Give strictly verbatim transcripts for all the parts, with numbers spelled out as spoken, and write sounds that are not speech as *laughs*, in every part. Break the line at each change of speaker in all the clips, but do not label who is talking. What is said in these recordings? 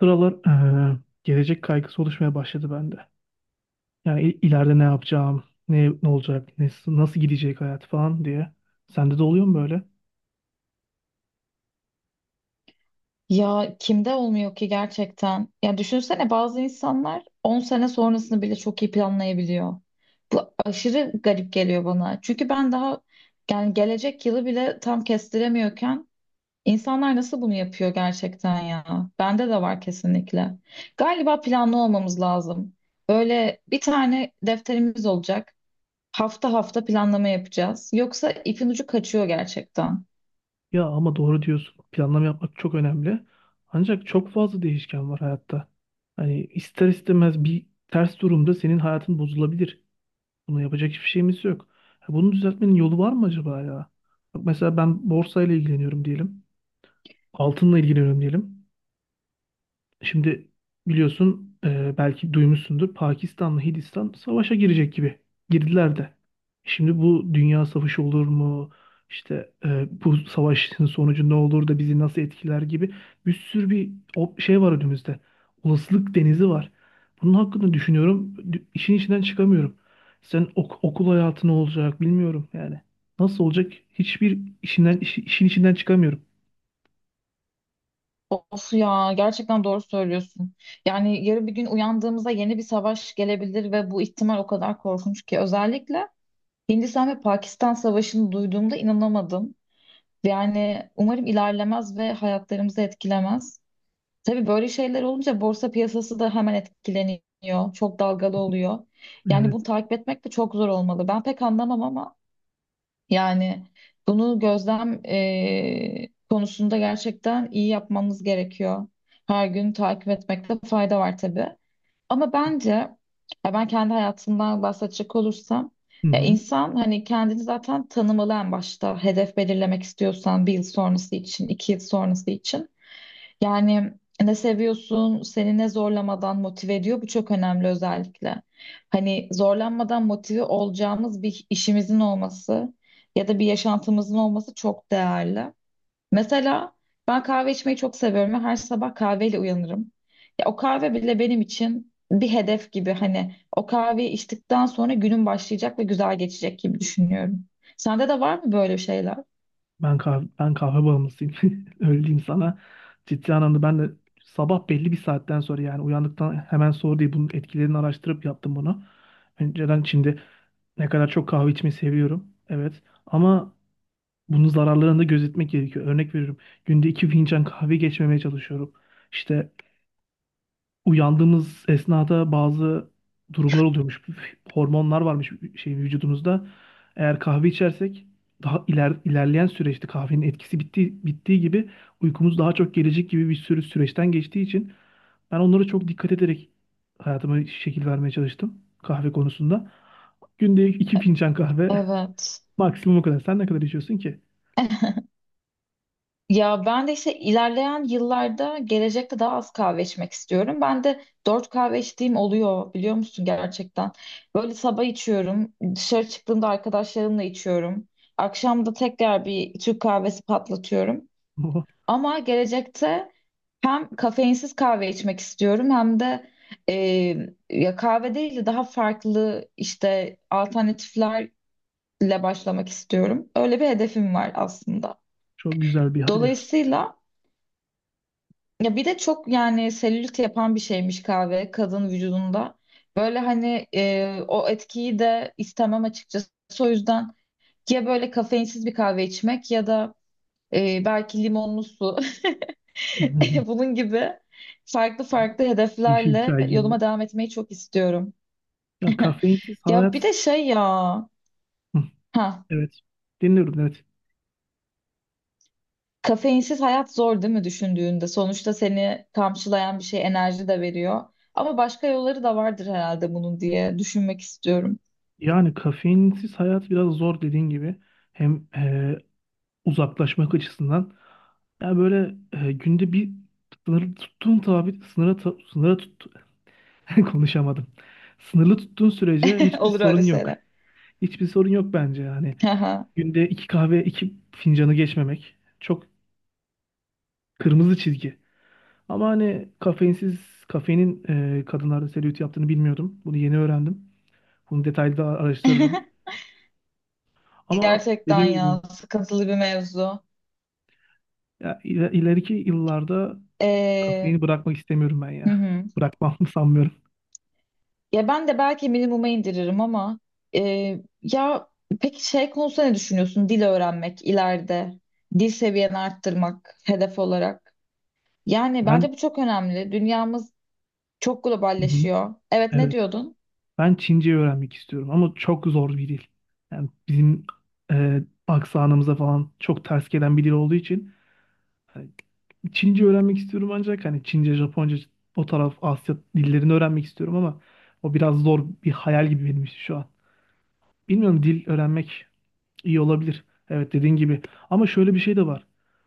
Sıralar eee, gelecek kaygısı oluşmaya başladı bende. Yani il- ileride ne yapacağım, ne ne olacak, ne, nasıl gidecek hayat falan diye. Sende de oluyor mu böyle?
Ya kimde olmuyor ki gerçekten? Ya düşünsene bazı insanlar on sene sonrasını bile çok iyi planlayabiliyor. Bu aşırı garip geliyor bana. Çünkü ben daha yani gelecek yılı bile tam kestiremiyorken insanlar nasıl bunu yapıyor gerçekten ya? Bende de var kesinlikle. Galiba planlı olmamız lazım. Böyle bir tane defterimiz olacak. Hafta hafta planlama yapacağız. Yoksa ipin ucu kaçıyor gerçekten.
Ya ama doğru diyorsun. Planlama yapmak çok önemli. Ancak çok fazla değişken var hayatta. Hani ister istemez bir ters durumda senin hayatın bozulabilir. Bunu yapacak hiçbir şeyimiz yok. Ya bunu düzeltmenin yolu var mı acaba ya? Bak mesela ben borsayla ilgileniyorum diyelim. Altınla ilgileniyorum diyelim. Şimdi biliyorsun e, belki duymuşsundur Pakistan'la Hindistan savaşa girecek gibi girdiler de. Şimdi bu dünya savaşı olur mu? İşte e, bu savaşın sonucu ne olur da bizi nasıl etkiler gibi bir sürü bir o şey var önümüzde. Olasılık denizi var. Bunun hakkında düşünüyorum. Dü- İşin içinden çıkamıyorum. Sen ok- okul hayatı ne olacak bilmiyorum yani. Nasıl olacak? Hiçbir işinden işi- işin içinden çıkamıyorum.
Of ya gerçekten doğru söylüyorsun. Yani yarın bir gün uyandığımızda yeni bir savaş gelebilir ve bu ihtimal o kadar korkunç ki. Özellikle Hindistan ve Pakistan savaşını duyduğumda inanamadım. Yani umarım ilerlemez ve hayatlarımızı etkilemez. Tabii böyle şeyler olunca borsa piyasası da hemen etkileniyor. Çok dalgalı oluyor. Yani
Evet.
bunu takip etmek de çok zor olmalı. Ben pek anlamam ama yani bunu gözlem eee, konusunda gerçekten iyi yapmamız gerekiyor. Her gün takip etmekte fayda var tabii. Ama bence ya ben kendi hayatımdan bahsedecek olursam
Hı
ya
hı.
insan hani kendini zaten tanımalı en başta hedef belirlemek istiyorsan bir yıl sonrası için, iki yıl sonrası için. Yani ne seviyorsun, seni ne zorlamadan motive ediyor bu çok önemli özellikle. Hani zorlanmadan motive olacağımız bir işimizin olması ya da bir yaşantımızın olması çok değerli. Mesela ben kahve içmeyi çok seviyorum ve her sabah kahveyle uyanırım. Ya o kahve bile benim için bir hedef gibi hani o kahveyi içtikten sonra günüm başlayacak ve güzel geçecek gibi düşünüyorum. Sende de var mı böyle şeyler?
Ben kahve, ben kahve bağımlısıyım. *laughs* Öyle diyeyim sana. Ciddi anlamda ben de sabah belli bir saatten sonra yani uyandıktan hemen sonra değil bunun etkilerini araştırıp yaptım bunu. Önceden şimdi ne kadar çok kahve içmeyi seviyorum. Evet. Ama bunun zararlarını da gözetmek gerekiyor. Örnek veriyorum. Günde iki fincan kahve geçmemeye çalışıyorum. İşte uyandığımız esnada bazı durumlar oluyormuş. Hormonlar varmış şey vücudumuzda. Eğer kahve içersek daha iler, ilerleyen süreçte kahvenin etkisi bitti bittiği gibi uykumuz daha çok gelecek gibi bir sürü süreçten geçtiği için ben onlara çok dikkat ederek hayatıma şekil vermeye çalıştım kahve konusunda. Günde iki fincan kahve
Evet.
*laughs* maksimum o kadar. Sen ne kadar içiyorsun ki?
Ya ben de işte ilerleyen yıllarda gelecekte daha az kahve içmek istiyorum. Ben de dört kahve içtiğim oluyor biliyor musun gerçekten. Böyle sabah içiyorum, dışarı çıktığımda arkadaşlarımla içiyorum. Akşam da tekrar bir Türk kahvesi patlatıyorum.
Oh,
Ama gelecekte hem kafeinsiz kahve içmek istiyorum hem de e, ya kahve değil de daha farklı işte alternatiflerle başlamak istiyorum. Öyle bir hedefim var aslında.
çok güzel bir hedef.
Dolayısıyla ya bir de çok yani selülit yapan bir şeymiş kahve kadın vücudunda. Böyle hani e, o etkiyi de istemem açıkçası. O yüzden ya böyle kafeinsiz bir kahve içmek ya da e, belki limonlu su. *laughs* *laughs*
*laughs*
Bunun gibi farklı farklı
Yeşil
hedeflerle
çay gibi.
yoluma devam etmeyi çok istiyorum.
Ya kafeinsiz
Ya
hayat.
bir de şey ya,
*laughs*
ha
Evet. Dinliyorum, evet.
kafeinsiz hayat zor değil mi düşündüğünde? Sonuçta seni kamçılayan bir şey enerji de veriyor. Ama başka yolları da vardır herhalde bunun diye düşünmek istiyorum.
Yani kafeinsiz hayat biraz zor dediğin gibi. Hem e, uzaklaşmak açısından. Yani böyle e, günde bir sınır tuttuğun tabi sınıra ta- sınıra tut *laughs* konuşamadım. Sınırlı tuttuğun sürece
*laughs*
hiçbir
Olur öyle
sorun yok.
şeyler.
Hiçbir sorun yok bence yani.
Haha.
Günde iki kahve iki fincanı geçmemek çok kırmızı çizgi. Ama hani kafeinsiz kafeinin e, kadınlarda selülit yaptığını bilmiyordum. Bunu yeni öğrendim. Bunu detaylı da araştırırım. Ama
Gerçekten
dediğim gibi
ya sıkıntılı bir mevzu.
ya iler- ileriki yıllarda
Ee,
kafeini bırakmak istemiyorum ben
hı
ya.
hı.
Bırakmam *laughs* sanmıyorum.
Ya ben de belki minimuma indiririm ama e, ya peki şey konusunda ne düşünüyorsun? Dil öğrenmek ileride, dil seviyeni arttırmak hedef olarak. Yani
Ben
bence bu çok önemli. Dünyamız çok
hı hı,
globalleşiyor. Evet ne
evet.
diyordun?
Ben Çince öğrenmek istiyorum ama çok zor bir dil. Yani bizim e, aksanımıza falan çok ters gelen bir dil olduğu için hani Çince öğrenmek istiyorum ancak hani Çince, Japonca o taraf Asya dillerini öğrenmek istiyorum ama o biraz zor bir hayal gibi benim için şu an. Bilmiyorum, dil öğrenmek iyi olabilir. Evet, dediğin gibi. Ama şöyle bir şey de var.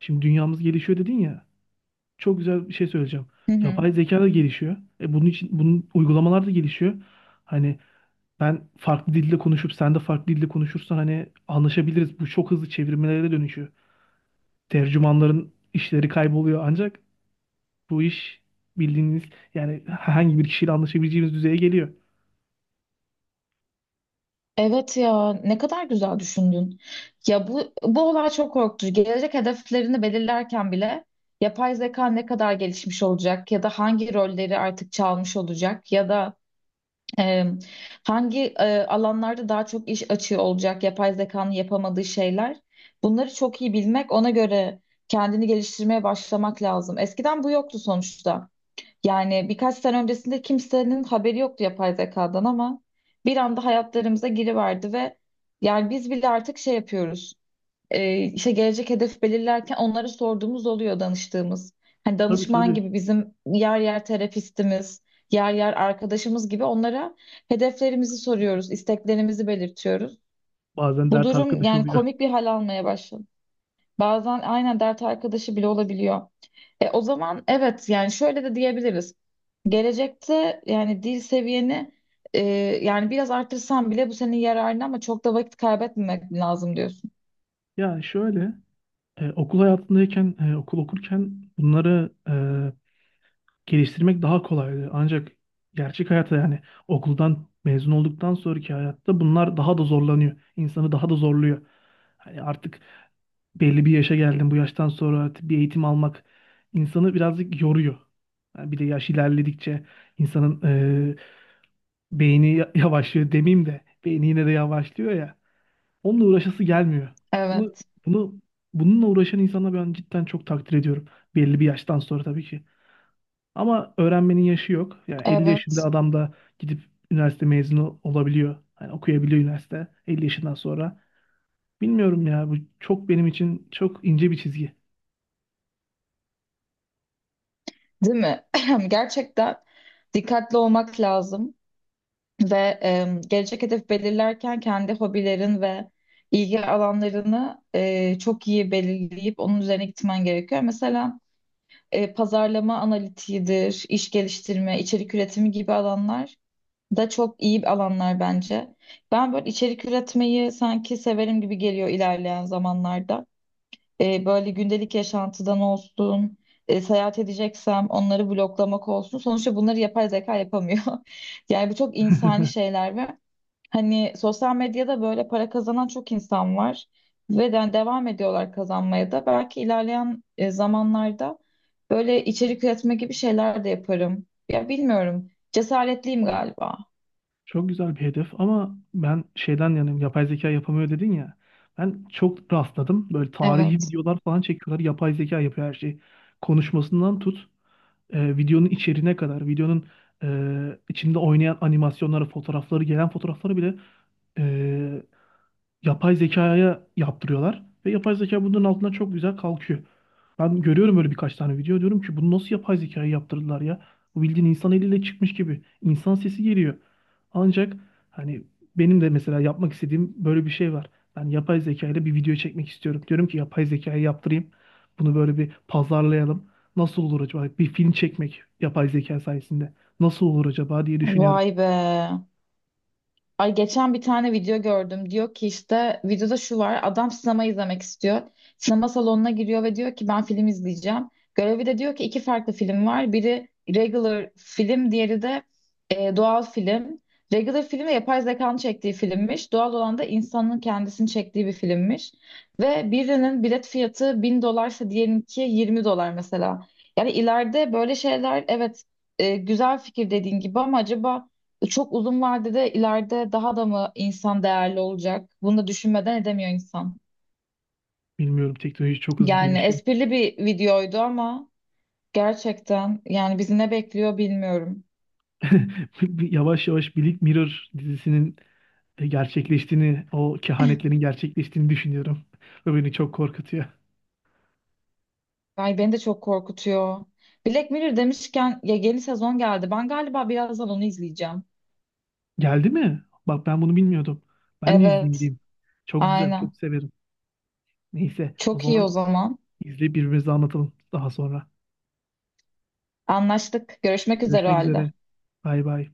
Şimdi dünyamız gelişiyor dedin ya. Çok güzel bir şey söyleyeceğim.
Hı hı.
Yapay zeka da gelişiyor. E bunun için bunun uygulamalar da gelişiyor. Hani ben farklı dilde konuşup sen de farklı dilde konuşursan hani anlaşabiliriz. Bu çok hızlı çevirmelere dönüşüyor. Tercümanların işleri kayboluyor, ancak bu iş bildiğiniz yani herhangi bir kişiyle anlaşabileceğimiz düzeye geliyor.
Evet ya ne kadar güzel düşündün. Ya bu bu olay çok korkutucu. Gelecek hedeflerini belirlerken bile yapay zeka ne kadar gelişmiş olacak ya da hangi rolleri artık çalmış olacak ya da Eee, hangi eee, alanlarda daha çok iş açığı olacak, yapay zekanın yapamadığı şeyler. Bunları çok iyi bilmek, ona göre kendini geliştirmeye başlamak lazım. Eskiden bu yoktu sonuçta. Yani birkaç sene öncesinde kimsenin haberi yoktu yapay zekadan ama bir anda hayatlarımıza giriverdi ve yani biz bile artık şey yapıyoruz e, işte gelecek hedef belirlerken onlara sorduğumuz oluyor danıştığımız. Hani
Tabii,
danışman
tabii.
gibi bizim yer yer terapistimiz, yer yer arkadaşımız gibi onlara hedeflerimizi soruyoruz, isteklerimizi belirtiyoruz.
Bazen
Bu
dert
durum
arkadaşı
yani
oluyor. *laughs*
komik bir hal almaya başladı. Bazen aynen dert arkadaşı bile olabiliyor. E, o zaman evet yani şöyle de diyebiliriz. Gelecekte yani dil seviyeni e, yani biraz artırsan bile bu senin yararına ama çok da vakit kaybetmemek lazım diyorsun.
Ya şöyle e, okul hayatındayken e, okul okurken bunları e, geliştirmek daha kolaydı. Ancak gerçek hayata yani okuldan mezun olduktan sonraki hayatta bunlar daha da zorlanıyor. İnsanı daha da zorluyor. Hani artık belli bir yaşa geldim. Bu yaştan sonra artık bir eğitim almak insanı birazcık yoruyor. Yani bir de yaş ilerledikçe insanın e, beyni ya- yavaşlıyor demeyeyim de beyni yine de yavaşlıyor ya. Onunla uğraşası gelmiyor. Bunu
Evet,
bunu bununla uğraşan insanı ben cidden çok takdir ediyorum. Belli bir yaştan sonra tabii ki. Ama öğrenmenin yaşı yok. Yani elli yaşında
evet.
adam da gidip üniversite mezunu olabiliyor. Hani okuyabiliyor üniversite elli yaşından sonra. Bilmiyorum ya, bu çok benim için çok ince bir çizgi.
Değil mi? *laughs* *clears throat* Gerçekten dikkatli olmak lazım ve e, gelecek hedef belirlerken kendi hobilerin ve ilgi alanlarını e, çok iyi belirleyip onun üzerine gitmen gerekiyor. Mesela e, pazarlama analitiğidir, iş geliştirme, içerik üretimi gibi alanlar da çok iyi alanlar bence. Ben böyle içerik üretmeyi sanki severim gibi geliyor ilerleyen zamanlarda. E, böyle gündelik yaşantıdan olsun, e, seyahat edeceksem onları bloklamak olsun. Sonuçta bunları yapay zeka yapamıyor. *laughs* Yani bu çok insani
*laughs*
şeyler ve hani sosyal medyada böyle para kazanan çok insan var ve de, hani devam ediyorlar kazanmaya da. Belki ilerleyen e, zamanlarda böyle içerik üretme gibi şeyler de yaparım. Ya bilmiyorum. Cesaretliyim galiba.
Çok güzel bir hedef ama ben şeyden yanayım, yapay zeka yapamıyor dedin ya. Ben çok rastladım. Böyle tarihi
Evet.
videolar falan çekiyorlar. Yapay zeka yapıyor her şeyi. Konuşmasından tut e, videonun içeriğine kadar, videonun e, içinde oynayan animasyonları, fotoğrafları, gelen fotoğrafları bile e, yapay zekaya yaptırıyorlar. Ve yapay zeka bunun altından çok güzel kalkıyor. Ben görüyorum öyle birkaç tane video, diyorum ki bunu nasıl yapay zekaya yaptırdılar ya? Bu bildiğin insan eliyle çıkmış gibi. İnsan sesi geliyor. Ancak hani benim de mesela yapmak istediğim böyle bir şey var. Ben yapay zeka ile bir video çekmek istiyorum. Diyorum ki yapay zekaya yaptırayım. Bunu böyle bir pazarlayalım. Nasıl olur acaba? Bir film çekmek yapay zeka sayesinde. Nasıl olur acaba diye düşünüyorum.
Vay be. Ay geçen bir tane video gördüm. Diyor ki işte videoda şu var. Adam sinema izlemek istiyor. Sinema salonuna giriyor ve diyor ki ben film izleyeceğim. Görevi de diyor ki iki farklı film var. Biri regular film, diğeri de e, doğal film. Regular film de yapay zekanın çektiği filmmiş. Doğal olan da insanın kendisini çektiği bir filmmiş. Ve birinin bilet fiyatı 1000 dolarsa diyelinki yirmi dolar mesela. Yani ileride böyle şeyler evet e, güzel fikir dediğin gibi ama acaba çok uzun vadede ileride daha da mı insan değerli olacak? Bunu da düşünmeden edemiyor insan.
Bilmiyorum, teknoloji çok hızlı
Yani
gelişiyor.
esprili bir videoydu ama gerçekten yani bizi ne bekliyor bilmiyorum.
*laughs* Yavaş yavaş Black Mirror dizisinin e, gerçekleştiğini, o kehanetlerin gerçekleştiğini düşünüyorum. *laughs* Ve beni çok korkutuyor.
Ay beni de çok korkutuyor. Black Mirror demişken ya yeni sezon geldi. Ben galiba birazdan onu izleyeceğim.
Geldi mi? Bak ben bunu bilmiyordum. Ben de izleyeyim
Evet,
gideyim. Çok güzel, çok
aynen.
severim. Neyse o
Çok iyi o
zaman
zaman.
izleyip birbirimize anlatalım daha sonra.
Anlaştık. Görüşmek üzere o
Görüşmek üzere.
halde.
Bay bay.